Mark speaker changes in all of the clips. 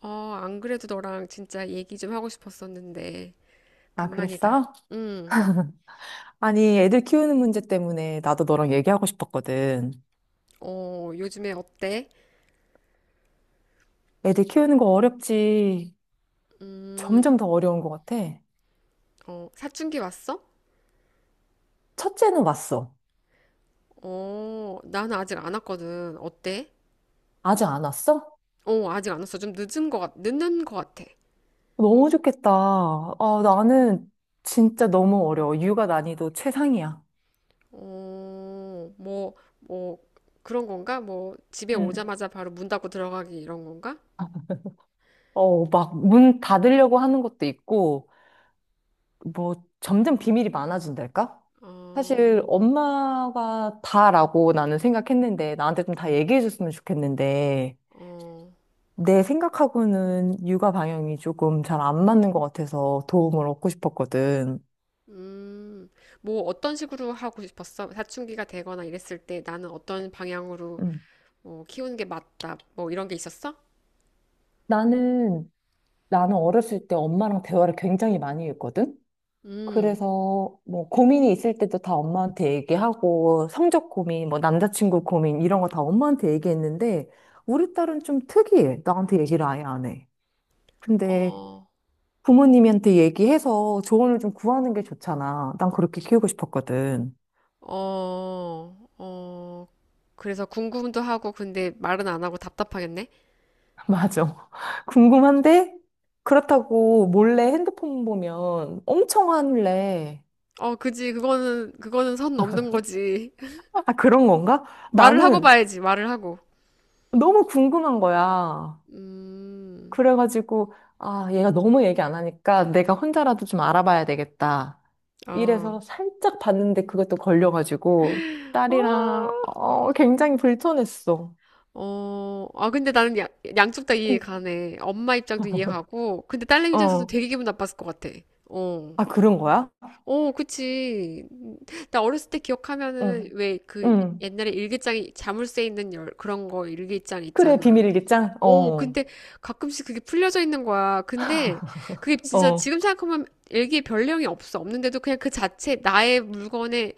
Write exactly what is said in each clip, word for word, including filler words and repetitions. Speaker 1: 어, 안 그래도 너랑 진짜 얘기 좀 하고 싶었었는데,
Speaker 2: 아,
Speaker 1: 간만이다.
Speaker 2: 그랬어?
Speaker 1: 응,
Speaker 2: 아니, 애들 키우는 문제 때문에 나도 너랑 얘기하고 싶었거든.
Speaker 1: 어, 요즘에 어때?
Speaker 2: 애들 키우는 거 어렵지.
Speaker 1: 음,
Speaker 2: 점점 더 어려운 것 같아.
Speaker 1: 어, 사춘기 왔어?
Speaker 2: 첫째는 왔어.
Speaker 1: 어, 나는 아직 안 왔거든. 어때?
Speaker 2: 아직 안 왔어?
Speaker 1: 어, 아직 안 왔어. 좀 늦은 것 같, 늦는 것 같아.
Speaker 2: 너무 좋겠다. 아, 나는 진짜 너무 어려워. 육아 난이도 최상이야.
Speaker 1: 어, 뭐, 뭐, 그런 건가? 뭐, 집에
Speaker 2: 응.
Speaker 1: 오자마자 바로 문 닫고 들어가기 이런 건가?
Speaker 2: 어, 막 문 닫으려고 하는 것도 있고, 뭐 점점 비밀이 많아진달까? 사실
Speaker 1: 어,
Speaker 2: 엄마가 다라고 나는 생각했는데, 나한테 좀 다 얘기해줬으면 좋겠는데,
Speaker 1: 어,
Speaker 2: 내 생각하고는 육아 방향이 조금 잘 안 맞는 것 같아서 도움을 얻고 싶었거든.
Speaker 1: 음, 뭐, 어떤 식으로 하고 싶었어? 사춘기가 되거나 이랬을 때 나는 어떤 방향으로
Speaker 2: 음.
Speaker 1: 뭐 키우는 게 맞다. 뭐 이런 게 있었어?
Speaker 2: 나는, 나는 어렸을 때 엄마랑 대화를 굉장히 많이 했거든?
Speaker 1: 음,
Speaker 2: 그래서 뭐 고민이 있을 때도 다 엄마한테 얘기하고 성적 고민, 뭐 남자친구 고민 이런 거 다 엄마한테 얘기했는데 우리 딸은 좀 특이해. 나한테 얘기를 아예 안 해. 근데
Speaker 1: 어,
Speaker 2: 부모님한테 얘기해서 조언을 좀 구하는 게 좋잖아. 난 그렇게 키우고 싶었거든.
Speaker 1: 어, 어. 그래서 궁금도 하고 근데 말은 안 하고 답답하겠네.
Speaker 2: 맞아. 궁금한데 그렇다고 몰래 핸드폰 보면 엄청 화낼래.
Speaker 1: 어, 그지. 그거는 그거는 선 넘는 거지.
Speaker 2: 아, 그런 건가?
Speaker 1: 말을 하고
Speaker 2: 나는
Speaker 1: 봐야지. 말을 하고.
Speaker 2: 너무 궁금한 거야.
Speaker 1: 음.
Speaker 2: 그래가지고 아, 얘가 너무 얘기 안 하니까 내가 혼자라도 좀 알아봐야 되겠다.
Speaker 1: 어.
Speaker 2: 이래서 살짝 봤는데 그것도 걸려가지고
Speaker 1: 어.
Speaker 2: 딸이랑 어, 굉장히 불편했어.
Speaker 1: 어. 아, 근데 나는 야, 양쪽 다 이해
Speaker 2: 응.
Speaker 1: 가네. 엄마 입장도 이해 가고 근데 딸내미 입장에서도
Speaker 2: 어.
Speaker 1: 되게 기분 나빴을 것 같아. 어.
Speaker 2: 아, 그런 거야?
Speaker 1: 어, 그치. 음, 나 어렸을 때 기억하면은
Speaker 2: 응.
Speaker 1: 왜 그
Speaker 2: 응.
Speaker 1: 옛날에 일기장에 자물쇠 있는 열 그런 거 일기장
Speaker 2: 그래,
Speaker 1: 있잖아.
Speaker 2: 비밀일기장?
Speaker 1: 어,
Speaker 2: 어.
Speaker 1: 근데 가끔씩 그게 풀려져 있는 거야. 근데 그게 진짜
Speaker 2: 어.
Speaker 1: 지금 생각하면 일기에 별 내용이 없어. 없는데도 그냥 그 자체 나의 물건에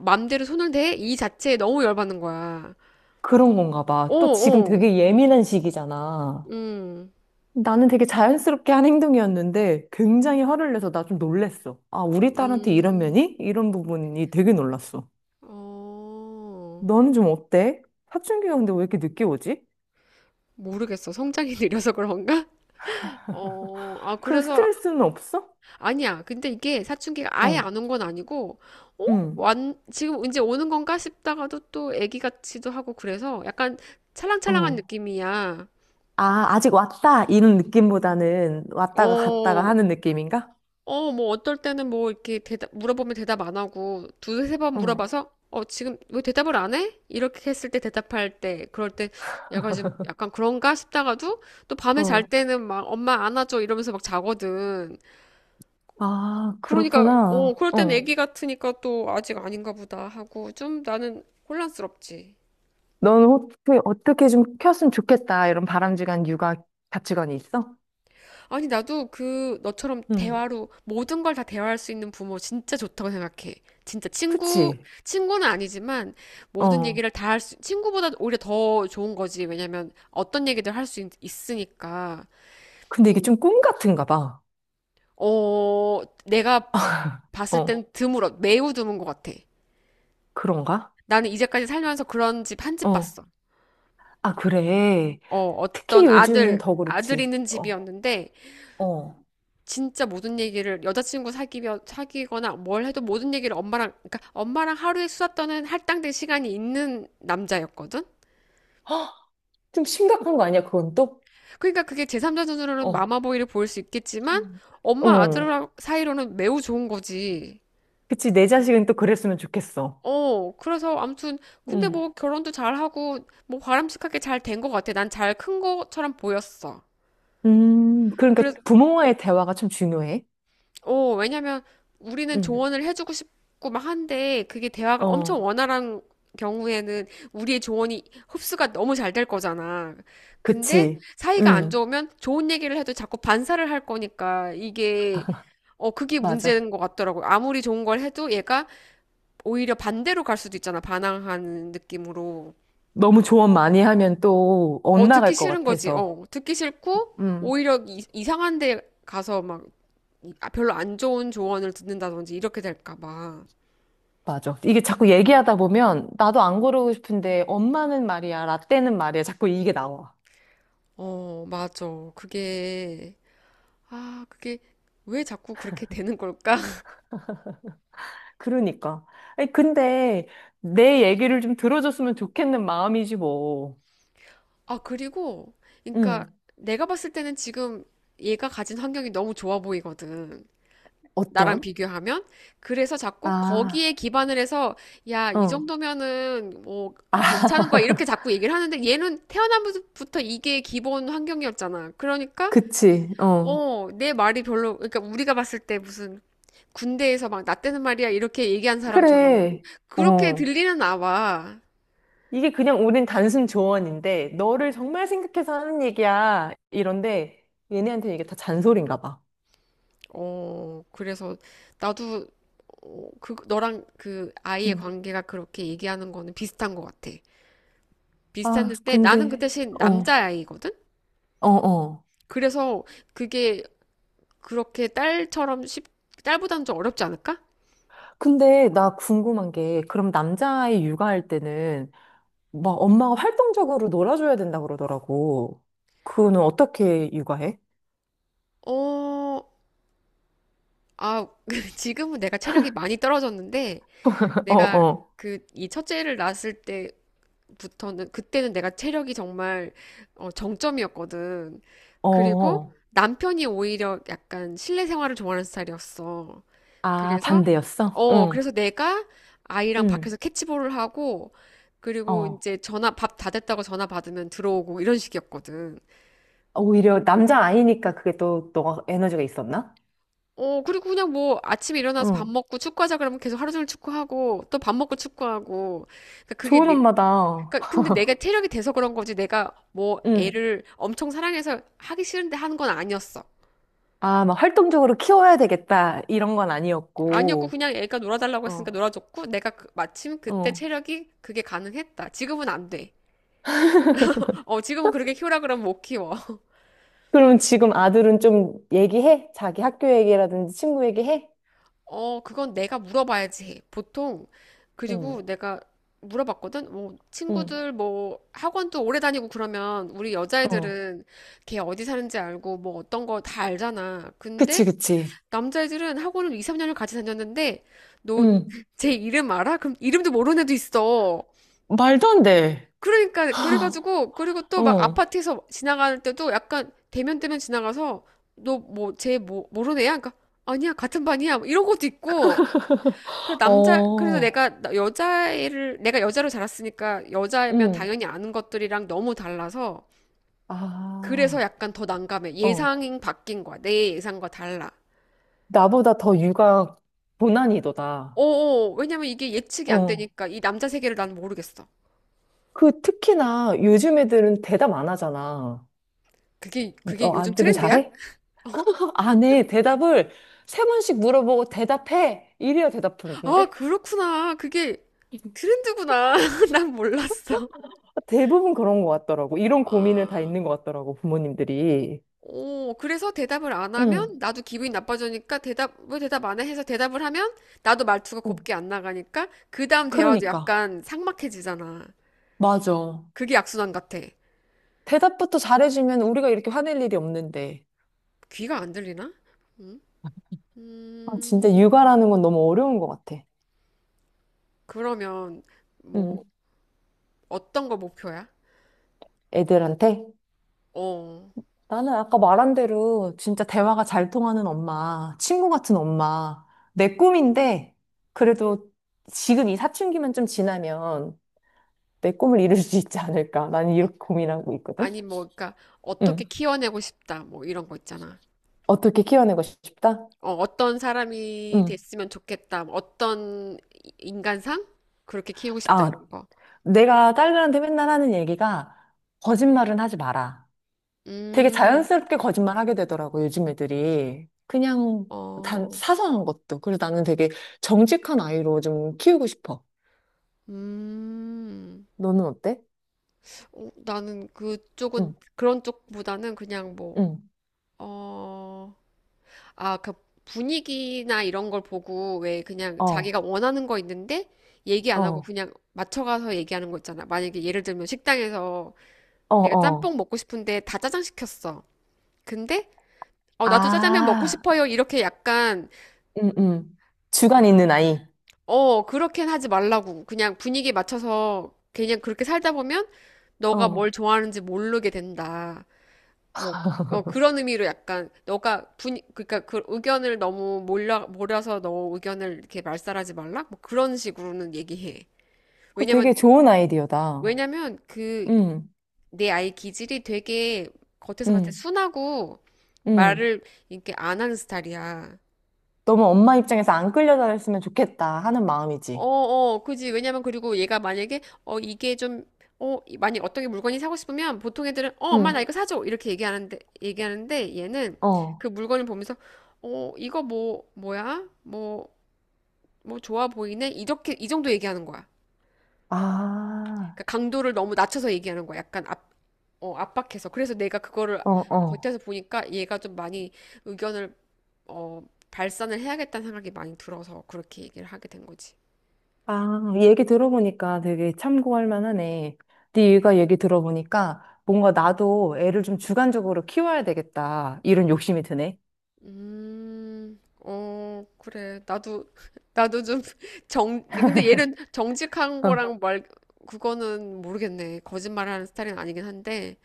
Speaker 1: 맘대로 손을 대? 이 자체에 너무 열받는 거야.
Speaker 2: 그런 건가
Speaker 1: 오,
Speaker 2: 봐. 또 지금
Speaker 1: 오,
Speaker 2: 되게 예민한 시기잖아.
Speaker 1: 음.
Speaker 2: 나는 되게 자연스럽게 한 행동이었는데 굉장히 화를 내서 나 좀 놀랬어. 아, 우리 딸한테 이런
Speaker 1: 음.
Speaker 2: 면이? 이런 부분이 되게 놀랐어.
Speaker 1: 어.
Speaker 2: 너는 좀 어때? 사춘기가 근데 왜 이렇게 늦게 오지?
Speaker 1: 모르겠어. 성장이 느려서 그런가? 어, 아,
Speaker 2: 그
Speaker 1: 그래서
Speaker 2: 스트레스는 없어?
Speaker 1: 아니야. 근데 이게 사춘기가 아예
Speaker 2: 어,
Speaker 1: 안 온 건 아니고, 어?
Speaker 2: 응,
Speaker 1: 완, 지금 이제 오는 건가 싶다가도 또 애기 같기도 하고 그래서 약간 찰랑찰랑한
Speaker 2: 어.
Speaker 1: 느낌이야.
Speaker 2: 아, 아직 왔다 이런 느낌보다는 왔다가 갔다가
Speaker 1: 어,
Speaker 2: 하는 느낌인가?
Speaker 1: 어, 뭐 어떨 때는 뭐 이렇게 대답, 물어보면 대답 안 하고 두세 세번
Speaker 2: 어,
Speaker 1: 물어봐서 어, 지금 왜 대답을 안 해? 이렇게 했을 때 대답할 때, 그럴 때 약간 좀 약간 그런가 싶다가도 또 밤에 잘
Speaker 2: 어.
Speaker 1: 때는 막 엄마 안아줘 이러면서 막 자거든.
Speaker 2: 아,
Speaker 1: 그러니까, 어,
Speaker 2: 그렇구나.
Speaker 1: 그럴 땐
Speaker 2: 어.
Speaker 1: 애기 같으니까 또 아직 아닌가 보다 하고 좀 나는 혼란스럽지.
Speaker 2: 넌 어떻게, 어떻게 좀 켰으면 좋겠다. 이런 바람직한 육아 가치관이 있어?
Speaker 1: 아니, 나도 그 너처럼
Speaker 2: 응.
Speaker 1: 대화로 모든 걸 다 대화할 수 있는 부모 진짜 좋다고 생각해. 진짜 친구,
Speaker 2: 그치?
Speaker 1: 친구는 아니지만 모든
Speaker 2: 어.
Speaker 1: 얘기를 다 할 수, 친구보다 오히려 더 좋은 거지. 왜냐면 어떤 얘기들 할 수 있으니까.
Speaker 2: 근데 이게
Speaker 1: 음,
Speaker 2: 좀 꿈 같은가 봐.
Speaker 1: 어, 내가 봤을
Speaker 2: 어.
Speaker 1: 땐 드물어. 매우 드문 것 같아.
Speaker 2: 그런가?
Speaker 1: 나는 이제까지 살면서 그런 집 한 집
Speaker 2: 어.
Speaker 1: 봤어.
Speaker 2: 아, 그래.
Speaker 1: 어,
Speaker 2: 특히
Speaker 1: 어떤
Speaker 2: 요즘은
Speaker 1: 아들,
Speaker 2: 더
Speaker 1: 아들
Speaker 2: 그렇지.
Speaker 1: 있는
Speaker 2: 어.
Speaker 1: 집이었는데,
Speaker 2: 어.
Speaker 1: 진짜 모든 얘기를, 여자친구 사귀면 사귀거나 뭘 해도 모든 얘기를 엄마랑, 그러니까 엄마랑 하루에 수다 떠는 할당된 시간이 있는 남자였거든?
Speaker 2: 헉, 좀 심각한 거 아니야, 그건 또?
Speaker 1: 그러니까 그게 제3자 눈으로는
Speaker 2: 어.
Speaker 1: 마마보이를 보일 수 있겠지만,
Speaker 2: 음.
Speaker 1: 엄마
Speaker 2: 어.
Speaker 1: 아들 사이로는 매우 좋은 거지.
Speaker 2: 그치, 내 자식은 또 그랬으면 좋겠어.
Speaker 1: 어, 그래서 아무튼, 근데
Speaker 2: 응.
Speaker 1: 뭐 결혼도 잘하고, 뭐 바람직하게 잘 된 것 같아. 난 잘 큰 것처럼 보였어.
Speaker 2: 음, 그러니까
Speaker 1: 그래서
Speaker 2: 부모와의 대화가 참 중요해.
Speaker 1: 어, 왜냐면 우리는
Speaker 2: 응.
Speaker 1: 조언을 해주고 싶고 막 한데 그게 대화가 엄청
Speaker 2: 어.
Speaker 1: 원활한 경우에는 우리의 조언이 흡수가 너무 잘 될 거잖아. 근데
Speaker 2: 그치.
Speaker 1: 사이가 안
Speaker 2: 응.
Speaker 1: 좋으면 좋은 얘기를 해도 자꾸 반사를 할 거니까 이게 어, 그게
Speaker 2: 맞아.
Speaker 1: 문제인 것 같더라고요. 아무리 좋은 걸 해도 얘가 오히려 반대로 갈 수도 있잖아. 반항하는 느낌으로.
Speaker 2: 너무 조언 많이 하면 또
Speaker 1: 어, 듣기
Speaker 2: 엇나갈 것
Speaker 1: 싫은 거지.
Speaker 2: 같아서.
Speaker 1: 어, 듣기 싫고,
Speaker 2: 음,
Speaker 1: 오히려 이, 이상한 데 가서 막 이- 아, 별로 안 좋은 조언을 듣는다든지 이렇게 될까 봐.
Speaker 2: 맞아. 이게 자꾸 얘기하다 보면 나도 안 고르고 싶은데 엄마는 말이야, 라떼는 말이야. 자꾸 이게 나와.
Speaker 1: 어, 맞아. 그게, 아, 그게 왜 자꾸 그렇게 되는 걸까?
Speaker 2: 그러니까. 아니, 근데 내 얘기를 좀 들어줬으면 좋겠는 마음이지 뭐.
Speaker 1: 아, 그리고, 그러니까
Speaker 2: 음.
Speaker 1: 내가 봤을 때는 지금 얘가 가진 환경이 너무 좋아 보이거든. 나랑
Speaker 2: 어떤?
Speaker 1: 비교하면. 그래서 자꾸
Speaker 2: 아,
Speaker 1: 거기에 기반을 해서, 야, 이
Speaker 2: 어.
Speaker 1: 정도면은 뭐
Speaker 2: 아,
Speaker 1: 괜찮은 거야. 이렇게 자꾸 얘기를 하는데 얘는 태어나부터 이게 기본 환경이었잖아. 그러니까,
Speaker 2: 그치. 어.
Speaker 1: 어, 내 말이 별로, 그러니까 우리가 봤을 때 무슨 군대에서 막 나 때는 말이야 이렇게 얘기한 사람처럼
Speaker 2: 그래.
Speaker 1: 그렇게
Speaker 2: 어.
Speaker 1: 들리는 나와.
Speaker 2: 이게 그냥 우린 단순 조언인데 너를 정말 생각해서 하는 얘기야. 이런데 얘네한테 이게 다 잔소리인가 봐.
Speaker 1: 어, 그래서 나도 어, 그 너랑 그 아이의 관계가 그렇게 얘기하는 거는 비슷한 것 같아.
Speaker 2: 아,
Speaker 1: 비슷했는데 나는 그
Speaker 2: 근데,
Speaker 1: 대신
Speaker 2: 어,
Speaker 1: 남자아이거든?
Speaker 2: 어, 어.
Speaker 1: 그래서 그게 그렇게 딸처럼 쉽, 딸보다는 좀 어렵지 않을까?
Speaker 2: 근데 나 궁금한 게, 그럼 남자아이 육아할 때는 막 엄마가 활동적으로 놀아줘야 된다 그러더라고. 그거는 어떻게 육아해?
Speaker 1: 어, 아, 지금은 내가 체력이 많이 떨어졌는데
Speaker 2: 어,
Speaker 1: 내가
Speaker 2: 어,
Speaker 1: 그 이 첫째를 낳았을 때 부터는 그때는 내가 체력이 정말 어, 정점이었거든.
Speaker 2: 어.
Speaker 1: 그리고
Speaker 2: 어.
Speaker 1: 남편이 오히려 약간 실내 생활을 좋아하는 스타일이었어.
Speaker 2: 아,
Speaker 1: 그래서
Speaker 2: 반대였어?
Speaker 1: 어
Speaker 2: 응,
Speaker 1: 그래서 내가 아이랑
Speaker 2: 응,
Speaker 1: 밖에서 캐치볼을 하고 그리고
Speaker 2: 어.
Speaker 1: 이제 전화 밥 다 됐다고 전화 받으면 들어오고 이런 식이었거든.
Speaker 2: 오히려 남자아이니까 그게 또 너가 에너지가 있었나?
Speaker 1: 어 그리고 그냥 뭐 아침에 일어나서 밥
Speaker 2: 응.
Speaker 1: 먹고 축구하자 그러면 계속 하루 종일 축구하고 또 밥 먹고 축구하고 그러니까 그게
Speaker 2: 좋은 엄마다.
Speaker 1: 그러니까 근데 내가 체력이 돼서 그런 거지 내가 뭐
Speaker 2: 응.
Speaker 1: 애를 엄청 사랑해서 하기 싫은데 하는 건 아니었어.
Speaker 2: 아, 막 활동적으로 키워야 되겠다. 이런 건
Speaker 1: 아니었고
Speaker 2: 아니었고.
Speaker 1: 그냥 애가 놀아달라고 했으니까
Speaker 2: 어,
Speaker 1: 놀아줬고 내가 그- 마침 그때
Speaker 2: 어.
Speaker 1: 체력이 그게 가능했다. 지금은 안 돼. 어, 지금은 그렇게 키우라 그러면 못 키워.
Speaker 2: 그럼 지금 아들은 좀 얘기해? 자기 학교 얘기라든지 친구 얘기해?
Speaker 1: 어, 그건 내가 물어봐야지 해. 보통
Speaker 2: 응,
Speaker 1: 그리고 내가 물어봤거든. 뭐
Speaker 2: 응,
Speaker 1: 친구들 뭐 학원도 오래 다니고 그러면 우리
Speaker 2: 어.
Speaker 1: 여자애들은 걔 어디 사는지 알고 뭐 어떤 거 다 알잖아. 근데
Speaker 2: 그치, 그치.
Speaker 1: 남자애들은 학원을 이삼 년을 같이 다녔는데, 너
Speaker 2: 응.
Speaker 1: 제 이름 알아? 그럼 이름도 모르는 애도 있어.
Speaker 2: 말도 안 돼.
Speaker 1: 그러니까, 그래가지고, 그리고 또 막
Speaker 2: 응.
Speaker 1: 아파트에서 지나갈 때도 약간 대면대면 지나가서, 너 뭐, 쟤 뭐, 모르는 애야? 그러니까, 아니야, 같은 반이야. 뭐 이런 것도 있고. 그래서 남자, 그래서
Speaker 2: 어,
Speaker 1: 내가 나- 여자애를, 내가 여자로 자랐으니까 여자면
Speaker 2: 응.
Speaker 1: 당연히 아는 것들이랑 너무 달라서, 그래서
Speaker 2: 아,
Speaker 1: 약간 더 난감해.
Speaker 2: 어.
Speaker 1: 예상이 바뀐 거야. 내 예상과 달라.
Speaker 2: 나보다 더 육아 고난이도다.
Speaker 1: 어어, 왜냐면 이게 예측이 안
Speaker 2: 어.
Speaker 1: 되니까 이 남자 세계를 난 모르겠어.
Speaker 2: 그 특히나 요즘 애들은 대답 안 하잖아.
Speaker 1: 그게, 그게
Speaker 2: 어,
Speaker 1: 요즘
Speaker 2: 아들은
Speaker 1: 트렌드야?
Speaker 2: 잘해?
Speaker 1: 어?
Speaker 2: 안 해. 대답을 세 번씩 물어보고 대답해. 이래야
Speaker 1: 아,
Speaker 2: 대답하는데?
Speaker 1: 그렇구나. 그게 트렌드구나. 난 몰랐어.
Speaker 2: 대부분 그런 것 같더라고. 이런 고민을 다
Speaker 1: 아.
Speaker 2: 있는 것 같더라고, 부모님들이.
Speaker 1: 오, 그래서 대답을 안
Speaker 2: 응,
Speaker 1: 하면 나도 기분이 나빠지니까 대답, 왜 대답 안 해? 해서 대답을 하면 나도 말투가
Speaker 2: 응.
Speaker 1: 곱게 안 나가니까 그 다음 대화도
Speaker 2: 그러니까.
Speaker 1: 약간 삭막해지잖아.
Speaker 2: 맞아.
Speaker 1: 그게 악순환 같아.
Speaker 2: 대답부터 잘해주면 우리가 이렇게 화낼 일이 없는데.
Speaker 1: 귀가 안 들리나? 음,
Speaker 2: 아, 진짜
Speaker 1: 음,
Speaker 2: 육아라는 건 너무 어려운 것 같아.
Speaker 1: 그러면
Speaker 2: 응.
Speaker 1: 뭐 어떤 거 목표야?
Speaker 2: 애들한테.
Speaker 1: 어.
Speaker 2: 나는 아까 말한 대로 진짜 대화가 잘 통하는 엄마, 친구 같은 엄마, 내 꿈인데, 그래도 지금 이 사춘기만 좀 지나면 내 꿈을 이룰 수 있지 않을까. 난 이렇게 고민하고 있거든.
Speaker 1: 아니 뭐 그러니까 어떻게
Speaker 2: 응,
Speaker 1: 키워내고 싶다 뭐 이런 거 있잖아.
Speaker 2: 어떻게 키워내고 싶다?
Speaker 1: 어, 어떤 사람이
Speaker 2: 응
Speaker 1: 됐으면 좋겠다. 뭐 어떤 이- 인간상 그렇게 키우고 싶다
Speaker 2: 아,
Speaker 1: 이런 거.
Speaker 2: 내가 딸들한테 맨날 하는 얘기가 거짓말은 하지 마라. 되게
Speaker 1: 음,
Speaker 2: 자연스럽게 거짓말하게 되더라고, 요즘 애들이. 그냥 단
Speaker 1: 어,
Speaker 2: 사소한 것도. 그래서 나는 되게 정직한 아이로 좀 키우고 싶어.
Speaker 1: 음.
Speaker 2: 너는 어때?
Speaker 1: 어, 나는 그쪽은
Speaker 2: 응,
Speaker 1: 그런 쪽보다는 그냥 뭐
Speaker 2: 응.
Speaker 1: 어, 아, 그 분위기나 이런 걸 보고 왜 그냥
Speaker 2: 어,
Speaker 1: 자기가 원하는 거 있는데 얘기 안 하고
Speaker 2: 어,
Speaker 1: 그냥 맞춰가서 얘기하는 거 있잖아. 만약에 예를 들면 식당에서
Speaker 2: 어,
Speaker 1: 내가
Speaker 2: 어.
Speaker 1: 짬뽕 먹고 싶은데 다 짜장 시켰어. 근데 어, 나도 짜장면 먹고
Speaker 2: 아,
Speaker 1: 싶어요. 이렇게 약간
Speaker 2: 응, 응. 주관 있는 아이.
Speaker 1: 어, 그렇게는 하지 말라고. 그냥 분위기에 맞춰서 그냥 그렇게 살다 보면 너가 뭘
Speaker 2: 어.
Speaker 1: 좋아하는지 모르게 된다. 뭐 어, 그런 의미로 약간 너가 분 그러니까 그 의견을 너무 몰라 몰아서 너 의견을 이렇게 말살하지 말라. 뭐 그런 식으로는 얘기해.
Speaker 2: 그거
Speaker 1: 왜냐면
Speaker 2: 되게 좋은 아이디어다.
Speaker 1: 왜냐면 그
Speaker 2: 응,
Speaker 1: 내 아이 기질이 되게 겉에서 봤을 때
Speaker 2: 응,
Speaker 1: 순하고
Speaker 2: 응.
Speaker 1: 말을 이렇게 안 하는 스타일이야.
Speaker 2: 너무 엄마 입장에서 안 끌려다녔으면 좋겠다 하는
Speaker 1: 어,
Speaker 2: 마음이지.
Speaker 1: 어, 그지. 왜냐면 그리고 얘가 만약에 어 이게 좀 어, 이- 만약 어떤 게 물건이 사고 싶으면 보통 애들은 어, 엄마 나
Speaker 2: 응,
Speaker 1: 이거 사줘. 이렇게 얘기하는데 얘기하는데 얘는
Speaker 2: 어.
Speaker 1: 그 물건을 보면서 어, 이거 뭐 뭐야? 뭐 뭐 좋아 보이네. 이렇게 이 정도 얘기하는 거야.
Speaker 2: 아,
Speaker 1: 그러니까 강도를 너무 낮춰서 얘기하는 거야. 약간 압, 어, 압박해서. 그래서 내가 그거를
Speaker 2: 어, 어.
Speaker 1: 겉에서 보니까 얘가 좀 많이 의견을 어, 발산을 해야겠다는 생각이 많이 들어서 그렇게 얘기를 하게 된 거지.
Speaker 2: 아, 얘기 들어보니까 되게 참고할 만하네. 네가 얘기 들어보니까 뭔가 나도 애를 좀 주관적으로 키워야 되겠다. 이런 욕심이 드네.
Speaker 1: 음, 어, 그래. 나도, 나도 좀 정, 근데 얘는 정직한
Speaker 2: 어,
Speaker 1: 거랑 말, 그거는 모르겠네. 거짓말하는 스타일은 아니긴 한데.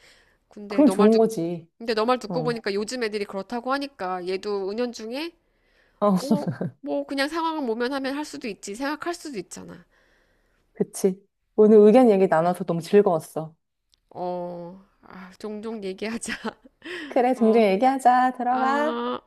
Speaker 1: 근데
Speaker 2: 그럼
Speaker 1: 너 말
Speaker 2: 좋은
Speaker 1: 듣,
Speaker 2: 거지.
Speaker 1: 근데 너 말 듣고
Speaker 2: 어,
Speaker 1: 보니까 요즘 애들이 그렇다고 하니까 얘도 은연중에,
Speaker 2: 어,
Speaker 1: 어, 뭐 그냥 상황을 모면하면 할 수도 있지. 생각할 수도 있잖아.
Speaker 2: 그치. 오늘 의견 얘기 나눠서 너무 즐거웠어.
Speaker 1: 어, 아, 종종 얘기하자.
Speaker 2: 그래,
Speaker 1: 어,
Speaker 2: 종종 얘기하자. 들어가.
Speaker 1: 아.